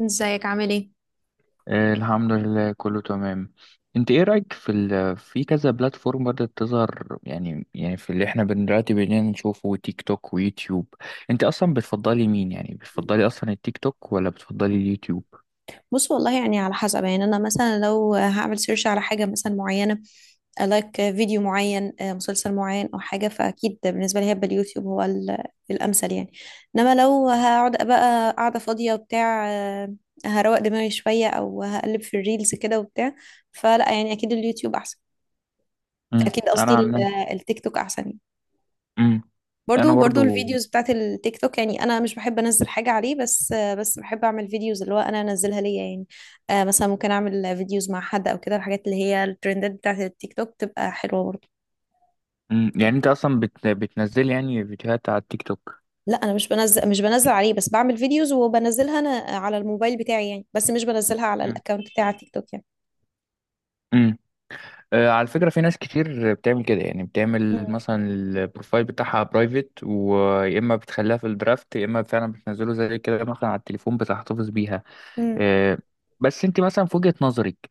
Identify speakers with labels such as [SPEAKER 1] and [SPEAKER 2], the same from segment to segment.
[SPEAKER 1] ازيك، عامل ايه؟
[SPEAKER 2] آه، الحمد لله كله تمام. انت ايه رأيك في كذا بلاتفورم بدأت تظهر يعني في اللي احنا دلوقتي بقينا نشوفه، تيك توك ويوتيوب؟ انت اصلا بتفضلي مين، يعني بتفضلي اصلا التيك توك ولا بتفضلي اليوتيوب؟
[SPEAKER 1] بص، والله يعني على حسب. يعني انا مثلا لو هعمل سيرش على حاجه مثلا معينه، لايك فيديو معين، مسلسل معين او حاجه، فاكيد بالنسبه لي هيبقى اليوتيوب هو الامثل يعني. انما لو هقعد بقى قاعده فاضيه وبتاع، هروق دماغي شويه او هقلب في الريلز كده وبتاع، فلا، يعني اكيد اليوتيوب احسن. اكيد
[SPEAKER 2] انا
[SPEAKER 1] قصدي
[SPEAKER 2] عن
[SPEAKER 1] ال-
[SPEAKER 2] نفسي-
[SPEAKER 1] التيك توك احسن يعني.
[SPEAKER 2] امم انا
[SPEAKER 1] برضو
[SPEAKER 2] برضو.
[SPEAKER 1] الفيديوز بتاعت التيك توك، يعني انا مش بحب انزل حاجه عليه، بس بحب اعمل فيديوز اللي هو انا انزلها ليا يعني. مثلا ممكن اعمل فيديوز مع حد او كده، الحاجات اللي هي الترندات بتاعت التيك توك تبقى حلوه برضو.
[SPEAKER 2] يعني انت اصلا بتنزلي يعني فيديوهات على التيك توك؟
[SPEAKER 1] لا، انا مش بنزل، عليه، بس بعمل فيديوز وبنزلها انا على الموبايل بتاعي يعني، بس مش بنزلها على الاكونت بتاع التيك توك يعني.
[SPEAKER 2] امم. على فكرة، في ناس كتير بتعمل كده، يعني بتعمل مثلا البروفايل بتاعها برايفت، ويا إما بتخليها في الدرافت يا إما فعلا بتنزله زي كده مثلا على التليفون بتحتفظ بيها.
[SPEAKER 1] مم.
[SPEAKER 2] آه، بس أنت مثلا، في وجهة نظرك،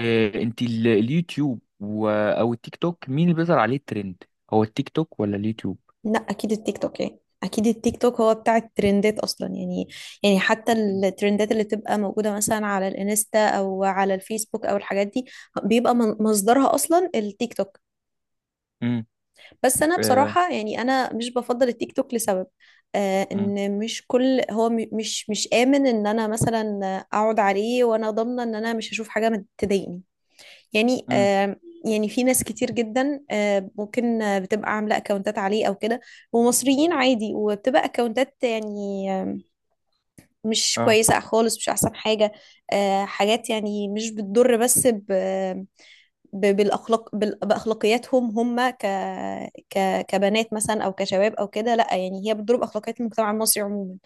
[SPEAKER 2] أنت اليوتيوب أو التيك توك، مين اللي بيظهر عليه الترند، هو التيك توك ولا اليوتيوب؟
[SPEAKER 1] لا اكيد التيك توك، يعني اكيد التيك توك هو بتاع الترندات اصلا يعني. يعني حتى
[SPEAKER 2] مم.
[SPEAKER 1] الترندات اللي تبقى موجوده مثلا على الانستا او على الفيسبوك او الحاجات دي بيبقى مصدرها اصلا التيك توك.
[SPEAKER 2] مم.
[SPEAKER 1] بس انا
[SPEAKER 2] آه.
[SPEAKER 1] بصراحه، يعني انا مش بفضل التيك توك لسبب. آه،
[SPEAKER 2] مم.
[SPEAKER 1] ان مش كل هو مش امن ان انا مثلا اقعد عليه وانا ضامنه ان انا مش هشوف حاجه ما تضايقني يعني.
[SPEAKER 2] مم.
[SPEAKER 1] يعني في ناس كتير جدا، ممكن، بتبقى عاملة اكونتات عليه او كده، ومصريين عادي، وبتبقى اكونتات يعني مش
[SPEAKER 2] اه.
[SPEAKER 1] كويسة خالص، مش احسن حاجة. حاجات يعني مش بتضر، بس بالاخلاق، باخلاقياتهم هم كبنات مثلا، او كشباب، او كده. لا يعني هي بتضرب اخلاقيات المجتمع المصري عموما.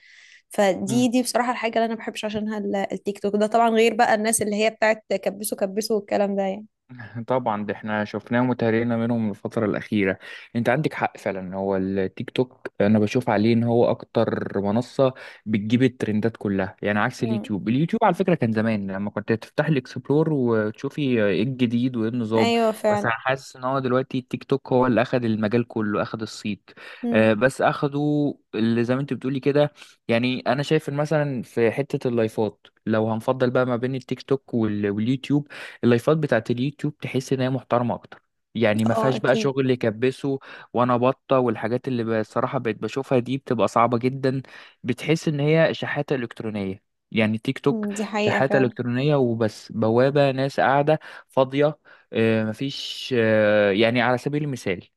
[SPEAKER 1] فدي بصراحة الحاجة اللي انا ما بحبش عشانها التيك توك ده، طبعا غير بقى الناس اللي هي بتاعت كبسوا كبسوا والكلام ده
[SPEAKER 2] طبعا ده احنا شفناه وتهرينا منهم الفترة الأخيرة. انت عندك حق فعلا، هو التيك توك انا بشوف عليه ان هو اكتر منصة بتجيب الترندات كلها، يعني عكس
[SPEAKER 1] يعني.
[SPEAKER 2] اليوتيوب. اليوتيوب على فكرة كان زمان لما كنت تفتح الاكسبلور وتشوفي ايه الجديد وايه النظام.
[SPEAKER 1] ايوه
[SPEAKER 2] بس
[SPEAKER 1] فعلا.
[SPEAKER 2] انا حاسس ان هو دلوقتي التيك توك هو اللي اخد المجال كله، اخد الصيت.
[SPEAKER 1] امم.
[SPEAKER 2] بس اخده اللي زي ما انت بتقولي كده. يعني انا شايف إن مثلا في حتة اللايفات، لو هنفضل بقى ما بين التيك توك واليوتيوب، اللايفات بتاعت اليوتيوب تحس ان هي محترمه اكتر. يعني ما
[SPEAKER 1] اه،
[SPEAKER 2] فيهاش بقى
[SPEAKER 1] اكيد.
[SPEAKER 2] شغل اللي كبسه وانا بطه، والحاجات اللي بصراحه بقيت بشوفها دي بتبقى صعبه جدا، بتحس ان هي شحاته الكترونيه. يعني تيك توك
[SPEAKER 1] مم. دي حقيقة
[SPEAKER 2] شحاته
[SPEAKER 1] فعلا.
[SPEAKER 2] الكترونيه وبس، بوابه ناس قاعده فاضيه. مفيش. يعني على سبيل المثال،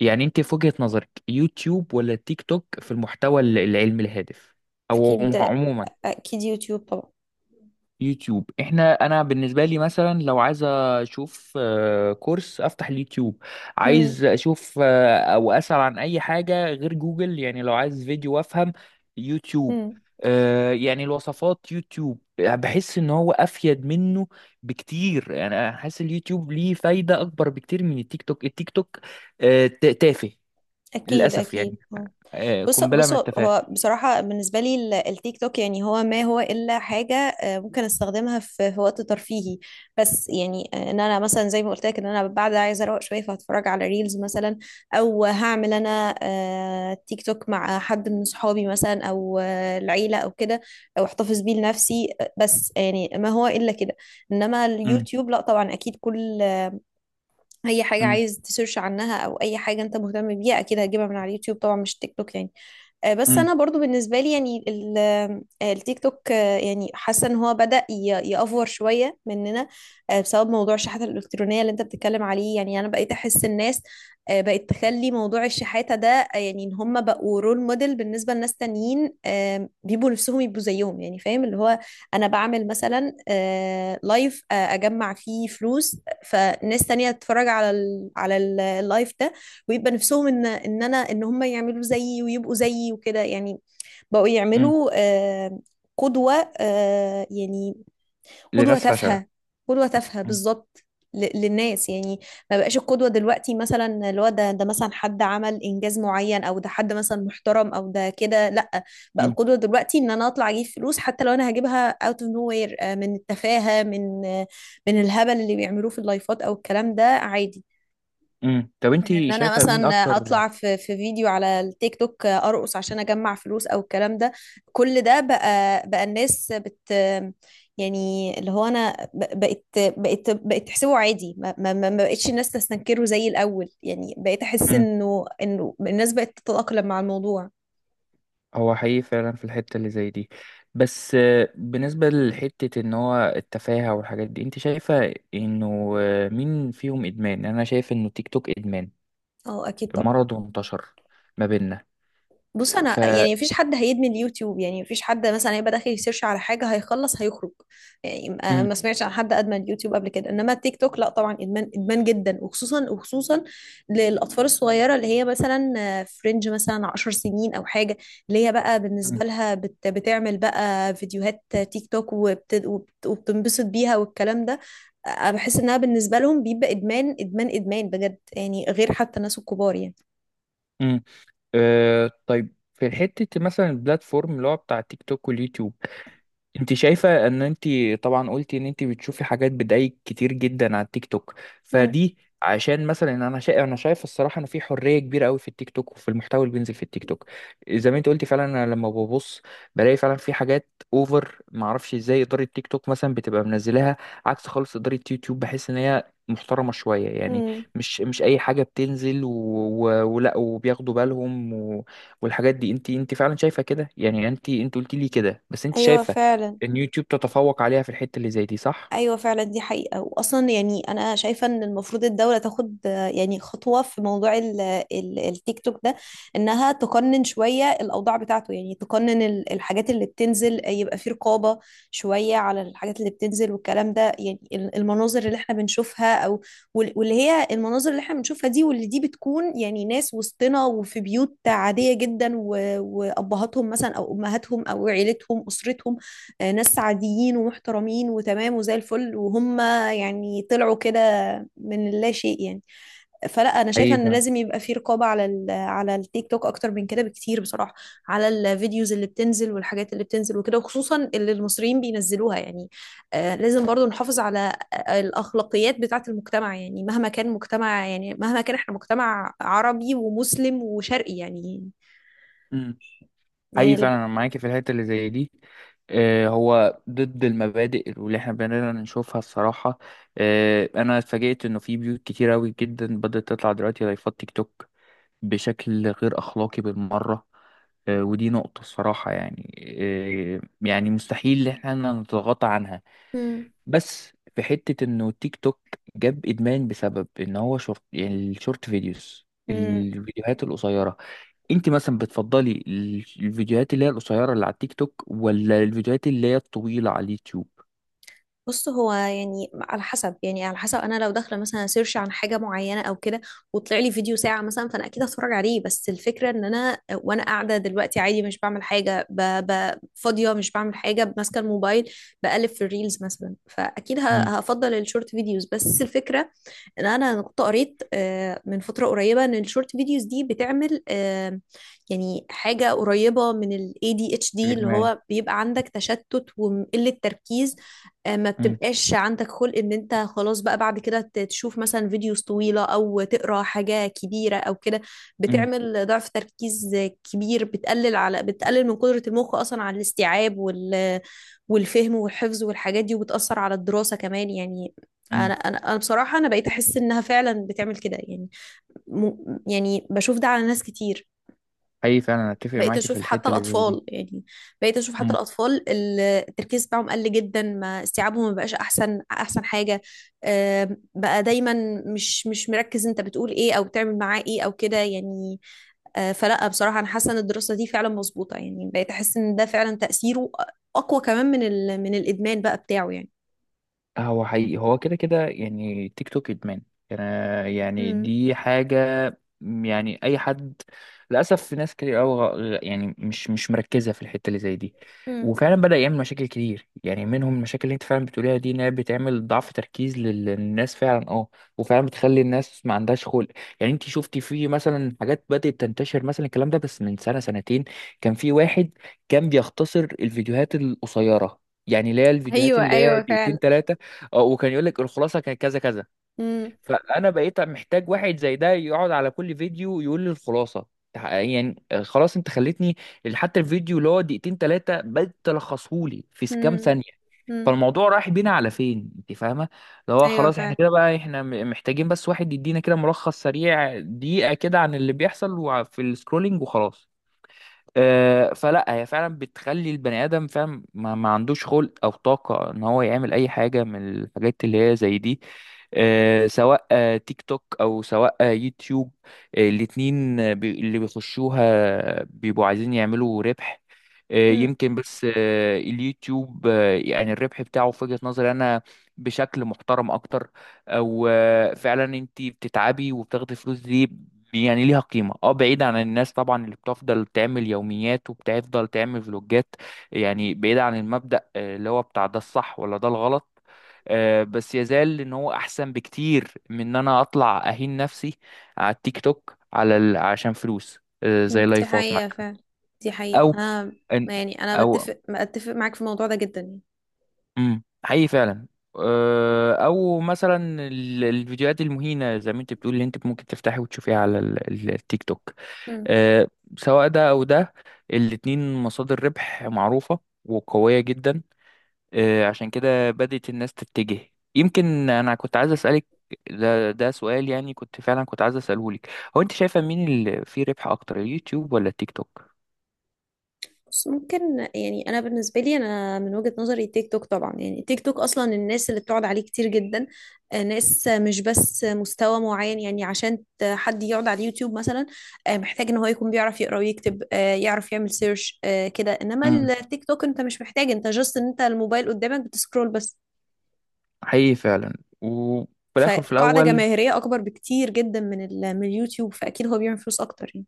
[SPEAKER 2] يعني انت في وجهه نظرك، يوتيوب ولا تيك توك في المحتوى العلمي الهادف او
[SPEAKER 1] اكيد،
[SPEAKER 2] عموما؟
[SPEAKER 1] اكيد يوتيوب طبعا.
[SPEAKER 2] يوتيوب. احنا انا بالنسبه لي مثلا لو عايز اشوف كورس، افتح اليوتيوب.
[SPEAKER 1] امم.
[SPEAKER 2] عايز اشوف او اسال عن اي حاجه غير جوجل، يعني لو عايز فيديو افهم، يوتيوب.
[SPEAKER 1] امم.
[SPEAKER 2] يعني الوصفات، يوتيوب. بحس ان هو افيد منه بكتير، يعني انا حاسس اليوتيوب ليه فايده اكبر بكتير من التيك توك. التيك توك تافه،
[SPEAKER 1] اكيد،
[SPEAKER 2] للاسف
[SPEAKER 1] اكيد
[SPEAKER 2] يعني.
[SPEAKER 1] آه. بص
[SPEAKER 2] قنبله
[SPEAKER 1] بص،
[SPEAKER 2] من التفاهه.
[SPEAKER 1] هو بصراحة بالنسبة لي التيك توك يعني هو ما هو إلا حاجة، ممكن استخدمها في وقت ترفيهي بس، يعني ان انا مثلا زي ما قلت لك ان انا بعد عايزة اروق شوية فهتفرج على ريلز مثلا، او هعمل انا تيك توك مع حد من صحابي مثلا، او العيلة او كده، او احتفظ بيه لنفسي بس، يعني ما هو إلا كده. انما
[SPEAKER 2] م-
[SPEAKER 1] اليوتيوب لا، طبعا اكيد كل اي حاجة
[SPEAKER 2] م-
[SPEAKER 1] عايز تسيرش عنها، او اي حاجة انت مهتم بيها، اكيد هتجيبها من على اليوتيوب طبعا مش تيك توك يعني. بس
[SPEAKER 2] م-
[SPEAKER 1] انا برضو بالنسبه لي يعني التيك توك، يعني حاسه ان هو بدأ يأفور شويه مننا، بسبب موضوع الشحاته الالكترونيه اللي انت بتتكلم عليه. يعني انا بقيت احس الناس بقت تخلي موضوع الشحاته ده، يعني ان هم بقوا رول موديل بالنسبه لناس تانيين، بيبقوا نفسهم يبقوا زيهم، يعني فاهم اللي هو انا بعمل مثلا لايف، اجمع فيه فلوس، فناس تانية تتفرج على اللايف ده، ويبقى نفسهم ان ان انا ان هم يعملوا زيي ويبقوا زيي وكده يعني. بقوا
[SPEAKER 2] م.
[SPEAKER 1] يعملوا قدوة، يعني قدوة
[SPEAKER 2] لناس فشله.
[SPEAKER 1] تافهة. قدوة تافهة
[SPEAKER 2] م-
[SPEAKER 1] بالظبط، للناس يعني. ما بقاش القدوة دلوقتي مثلا اللي هو ده، مثلا حد عمل إنجاز معين، أو ده حد مثلا محترم، أو ده كده، لأ. بقى
[SPEAKER 2] م.
[SPEAKER 1] القدوة دلوقتي إن أنا أطلع أجيب فلوس، حتى لو أنا هجيبها out of nowhere، من التفاهة، من الهبل اللي بيعملوه في اللايفات، أو الكلام ده عادي،
[SPEAKER 2] طب انت
[SPEAKER 1] من ان انا
[SPEAKER 2] شايفة مين
[SPEAKER 1] مثلا
[SPEAKER 2] اكتر؟
[SPEAKER 1] اطلع في فيديو على التيك توك ارقص عشان اجمع فلوس، او الكلام ده. كل ده بقى الناس يعني اللي هو انا بقيت تحسبه عادي. ما بقتش الناس تستنكره زي الاول، يعني بقيت احس
[SPEAKER 2] امم.
[SPEAKER 1] انه الناس بقت تتأقلم مع الموضوع.
[SPEAKER 2] هو حقيقي فعلا، في الحتة اللي زي دي. بس بالنسبة لحتة ان هو التفاهة والحاجات دي، انت شايفة انه مين فيهم ادمان؟ يعني انا شايف انه تيك توك ادمان،
[SPEAKER 1] اه اكيد طبعا.
[SPEAKER 2] مرض وانتشر ما بيننا
[SPEAKER 1] بص،
[SPEAKER 2] ف
[SPEAKER 1] انا يعني مفيش حد هيدمن اليوتيوب، يعني مفيش حد مثلا هيبقى داخل يسيرش على حاجه هيخلص هيخرج. يعني ما
[SPEAKER 2] امم.
[SPEAKER 1] سمعتش عن حد ادمن اليوتيوب قبل كده، انما التيك توك لا طبعا، ادمان، ادمان جدا، وخصوصا وخصوصا للاطفال الصغيره اللي هي مثلا فرنج مثلا 10 سنين او حاجه، اللي هي بقى
[SPEAKER 2] امم.
[SPEAKER 1] بالنسبه لها بتعمل بقى فيديوهات تيك توك، وبتنبسط بيها والكلام ده. بحس انها بالنسبه لهم بيبقى ادمان، ادمان، ادمان بجد يعني، غير حتى الناس الكبار يعني.
[SPEAKER 2] امم. طيب في حتة مثلا البلاتفورم اللي هو بتاع تيك توك واليوتيوب، انت شايفة ان انت طبعا قلتي ان انت بتشوفي حاجات بدايق كتير جدا على التيك توك
[SPEAKER 1] مم.
[SPEAKER 2] فدي. عشان مثلا انا شايف الصراحة ان في حرية كبيرة قوي في التيك توك وفي المحتوى اللي بينزل في التيك توك، زي ما انت قلتي فعلا. انا لما ببص بلاقي فعلا في حاجات اوفر، ما اعرفش ازاي ادارة تيك توك مثلا بتبقى منزلاها، عكس خالص ادارة يوتيوب، بحس ان هي محترمة شوية. يعني
[SPEAKER 1] مم.
[SPEAKER 2] مش أي حاجة بتنزل ولا، وبياخدوا بالهم والحاجات دي. انت فعلا شايفة كده، يعني انت قلتي لي كده، بس انت
[SPEAKER 1] ايوه
[SPEAKER 2] شايفة
[SPEAKER 1] فعلا.
[SPEAKER 2] ان يوتيوب تتفوق عليها في الحتة اللي زي دي، صح؟
[SPEAKER 1] ايوه فعلا، دي حقيقه. واصلا يعني انا شايفه ان المفروض الدوله تاخد يعني خطوه في موضوع التيك توك ده، انها تقنن شويه الاوضاع بتاعته. يعني تقنن الحاجات اللي بتنزل، يبقى في رقابه شويه على الحاجات اللي بتنزل والكلام ده. يعني المناظر اللي احنا بنشوفها، او واللي هي المناظر اللي احنا بنشوفها دي، واللي دي بتكون يعني ناس وسطنا وفي بيوت عاديه جدا، وابهاتهم مثلا او امهاتهم او عيلتهم اسرتهم، ناس عاديين ومحترمين وتمام وزي الفل، وهم يعني طلعوا كده من اللا شيء يعني. فلا، انا شايفه
[SPEAKER 2] حقيقي
[SPEAKER 1] ان
[SPEAKER 2] فعلا.
[SPEAKER 1] لازم يبقى في رقابه على ال على التيك توك اكتر من كده بكتير بصراحه، على الفيديوز اللي بتنزل والحاجات اللي بتنزل وكده، وخصوصا اللي المصريين بينزلوها يعني. لازم برضو نحافظ على الاخلاقيات بتاعه المجتمع، يعني مهما كان مجتمع، يعني مهما كان احنا مجتمع عربي ومسلم وشرقي يعني
[SPEAKER 2] امم. حقيقي
[SPEAKER 1] يعني
[SPEAKER 2] فعلا، انا معاكي في الحتة اللي زي دي. هو ضد المبادئ واللي احنا بنقدر نشوفها الصراحة. انا اتفاجئت انه في بيوت كتير اوي جدا بدأت تطلع دلوقتي لايفات تيك توك بشكل غير اخلاقي بالمرة. ودي نقطة الصراحة يعني. آه، يعني مستحيل ان احنا نتغاضى عنها.
[SPEAKER 1] مم.
[SPEAKER 2] بس في حتة انه تيك توك جاب ادمان بسبب ان هو شورت، يعني الشورت فيديوز،
[SPEAKER 1] مم.
[SPEAKER 2] الفيديوهات القصيرة. انت مثلا بتفضلي الفيديوهات اللي هي القصيرة اللي على التيك توك ولا الفيديوهات اللي هي الطويلة على اليوتيوب؟
[SPEAKER 1] بص هو يعني على حسب، يعني على حسب انا لو داخله مثلا سيرش عن حاجه معينه او كده وطلع لي فيديو ساعه مثلا، فانا اكيد هتفرج عليه. بس الفكره ان انا وانا قاعده دلوقتي عادي مش بعمل حاجه، فاضيه مش بعمل حاجه، ماسكه الموبايل بقلب في الريلز مثلا، فاكيد ه...
[SPEAKER 2] امم.
[SPEAKER 1] هفضل الشورت فيديوز. بس الفكره ان انا كنت قريت من فتره قريبه ان الشورت فيديوز دي بتعمل، يعني حاجه قريبه من ال ADHD، اللي
[SPEAKER 2] الادمان.
[SPEAKER 1] هو بيبقى عندك تشتت وقله تركيز. ما
[SPEAKER 2] امم.
[SPEAKER 1] بتبقاش عندك خلق ان انت خلاص بقى بعد كده تشوف مثلا فيديوز طويلة، او تقرا حاجة كبيرة او كده.
[SPEAKER 2] امم.
[SPEAKER 1] بتعمل ضعف تركيز كبير، بتقلل من قدرة المخ اصلا على الاستيعاب والفهم والحفظ والحاجات دي، وبتأثر على الدراسة كمان يعني. انا
[SPEAKER 2] امم.
[SPEAKER 1] انا انا بصراحة انا بقيت احس انها فعلا بتعمل كده يعني. م... يعني بشوف ده على ناس كتير.
[SPEAKER 2] حقيقي فعلا، أنا اتفق
[SPEAKER 1] بقيت
[SPEAKER 2] معاكي في
[SPEAKER 1] اشوف حتى
[SPEAKER 2] الحته اللي زي
[SPEAKER 1] الاطفال يعني، بقيت اشوف حتى
[SPEAKER 2] دي.
[SPEAKER 1] الاطفال التركيز بتاعهم قل جدا، ما استيعابهم ما بقاش احسن حاجه. بقى دايما مش مركز انت بتقول ايه او بتعمل معاه ايه او كده يعني. فلا، بصراحه انا حاسه ان الدراسه دي فعلا مظبوطه. يعني بقيت احس ان ده فعلا تاثيره اقوى كمان من من الادمان بقى بتاعه يعني.
[SPEAKER 2] هو حقيقي، هو كده كده، يعني تيك توك ادمان. يعني
[SPEAKER 1] امم.
[SPEAKER 2] دي حاجه يعني اي حد، للاسف في ناس كتير قوي، يعني مش مركزه في الحته اللي زي دي،
[SPEAKER 1] امم.
[SPEAKER 2] وفعلا بدا يعمل مشاكل كتير. يعني منهم المشاكل اللي انت فعلا بتقوليها دي، انها بتعمل ضعف تركيز للناس فعلا، اه. وفعلا بتخلي الناس ما عندهاش خلق. يعني انت شفتي في مثلا حاجات بدات تنتشر مثلا الكلام ده بس من سنه سنتين، كان في واحد كان بيختصر الفيديوهات القصيره، يعني اللي هي الفيديوهات
[SPEAKER 1] ايوه،
[SPEAKER 2] اللي هي
[SPEAKER 1] ايوه
[SPEAKER 2] دقيقتين
[SPEAKER 1] فعلا.
[SPEAKER 2] تلاتة، اه، وكان يقول لك الخلاصه كانت كذا كذا.
[SPEAKER 1] امم.
[SPEAKER 2] فانا بقيت محتاج واحد زي ده يقعد على كل فيديو يقول لي الخلاصه. يعني خلاص انت خلتني حتى الفيديو اللي هو دقيقتين ثلاثه بقيت تلخصهولي في كام
[SPEAKER 1] امم.
[SPEAKER 2] ثانيه.
[SPEAKER 1] امم.
[SPEAKER 2] فالموضوع رايح بينا على فين، انت فاهمه؟ اللي هو
[SPEAKER 1] ايوه
[SPEAKER 2] خلاص احنا
[SPEAKER 1] فعلا.
[SPEAKER 2] كده بقى، احنا محتاجين بس واحد يدينا كده ملخص سريع، دقيقه كده عن اللي بيحصل في السكرولينج وخلاص. فلا، هي فعلا بتخلي البني ادم فاهم ما عندوش خلق او طاقه ان هو يعمل اي حاجه من الحاجات اللي هي زي دي. سواء تيك توك او سواء يوتيوب، الاتنين، اللي بيخشوها بيبقوا عايزين يعملوا ربح. يمكن بس اليوتيوب يعني الربح بتاعه، في وجهة نظري انا، بشكل محترم اكتر، او فعلا انت بتتعبي وبتاخدي فلوس دي، يعني ليها قيمة. اه، بعيد عن الناس طبعا اللي بتفضل تعمل يوميات وبتفضل تعمل فلوجات، يعني بعيد عن المبدأ اللي هو بتاع ده الصح ولا ده الغلط، بس يزال ان هو احسن بكتير من ان انا اطلع اهين نفسي على التيك توك على عشان فلوس، زي
[SPEAKER 1] مم، دي
[SPEAKER 2] لايفات
[SPEAKER 1] حقيقة
[SPEAKER 2] مثلا.
[SPEAKER 1] فعلا. دي حقيقة.
[SPEAKER 2] او
[SPEAKER 1] أنا
[SPEAKER 2] إن-
[SPEAKER 1] يعني أنا
[SPEAKER 2] او
[SPEAKER 1] بتفق معاك في الموضوع ده جدا يعني.
[SPEAKER 2] حقيقي فعلا. او مثلا الفيديوهات المهينه زي ما انت بتقول، اللي انت ممكن تفتحي وتشوفيها على التيك توك.
[SPEAKER 1] مم.
[SPEAKER 2] آه، سواء ده او ده، الاتنين مصادر ربح معروفه وقويه جدا. عشان كده بدأت الناس تتجه. يمكن انا كنت عايز اسالك، ده سؤال يعني كنت فعلا كنت عايز اساله لك، هو انت شايفه مين اللي فيه ربح اكتر، اليوتيوب ولا التيك توك؟
[SPEAKER 1] بس ممكن يعني، أنا بالنسبة لي أنا من وجهة نظري تيك توك طبعا، يعني تيك توك أصلا الناس اللي بتقعد عليه كتير جدا، ناس مش بس مستوى معين. يعني عشان حد يقعد على اليوتيوب مثلا، محتاج إن هو يكون بيعرف يقرأ ويكتب، يعرف يعمل سيرش كده. إنما
[SPEAKER 2] امم،
[SPEAKER 1] التيك توك أنت مش محتاج، أنت جاست إن أنت الموبايل قدامك بتسكرول بس.
[SPEAKER 2] حقيقي فعلا. وفي الاخر في
[SPEAKER 1] فقاعدة
[SPEAKER 2] الاول.
[SPEAKER 1] جماهيرية أكبر بكتير جدا من من اليوتيوب، فأكيد هو بيعمل فلوس أكتر يعني.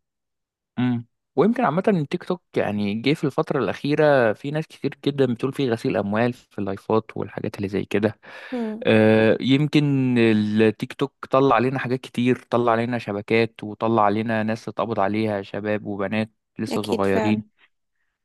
[SPEAKER 2] مم. ويمكن عامة تيك توك، يعني جه في الفترة الأخيرة في ناس كتير جدا بتقول فيه غسيل أموال في اللايفات والحاجات اللي زي كده.
[SPEAKER 1] امم.
[SPEAKER 2] يمكن التيك توك طلع علينا حاجات كتير، طلع علينا شبكات وطلع علينا ناس اتقبض عليها، شباب وبنات لسه
[SPEAKER 1] اكيد
[SPEAKER 2] صغيرين.
[SPEAKER 1] فعلا.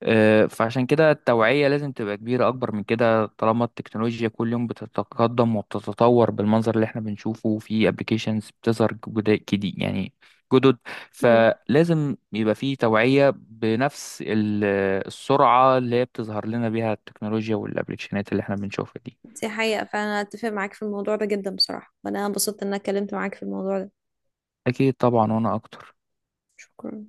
[SPEAKER 2] فعشان كده التوعية لازم تبقى كبيرة، أكبر من كده، طالما التكنولوجيا كل يوم بتتقدم وبتتطور، بالمنظر اللي احنا بنشوفه في ابلكيشنز بتظهر جديد يعني، جدد،
[SPEAKER 1] امم.
[SPEAKER 2] فلازم يبقى في توعية بنفس السرعة اللي هي بتظهر لنا بيها التكنولوجيا والابلكيشنات اللي احنا بنشوفها دي.
[SPEAKER 1] دي حقيقة. فأنا أتفق معاك في الموضوع ده جدا بصراحة. وأنا انبسطت إن أنا اتكلمت معاك في الموضوع ده.
[SPEAKER 2] أكيد طبعا، وأنا أكتر.
[SPEAKER 1] شكرا.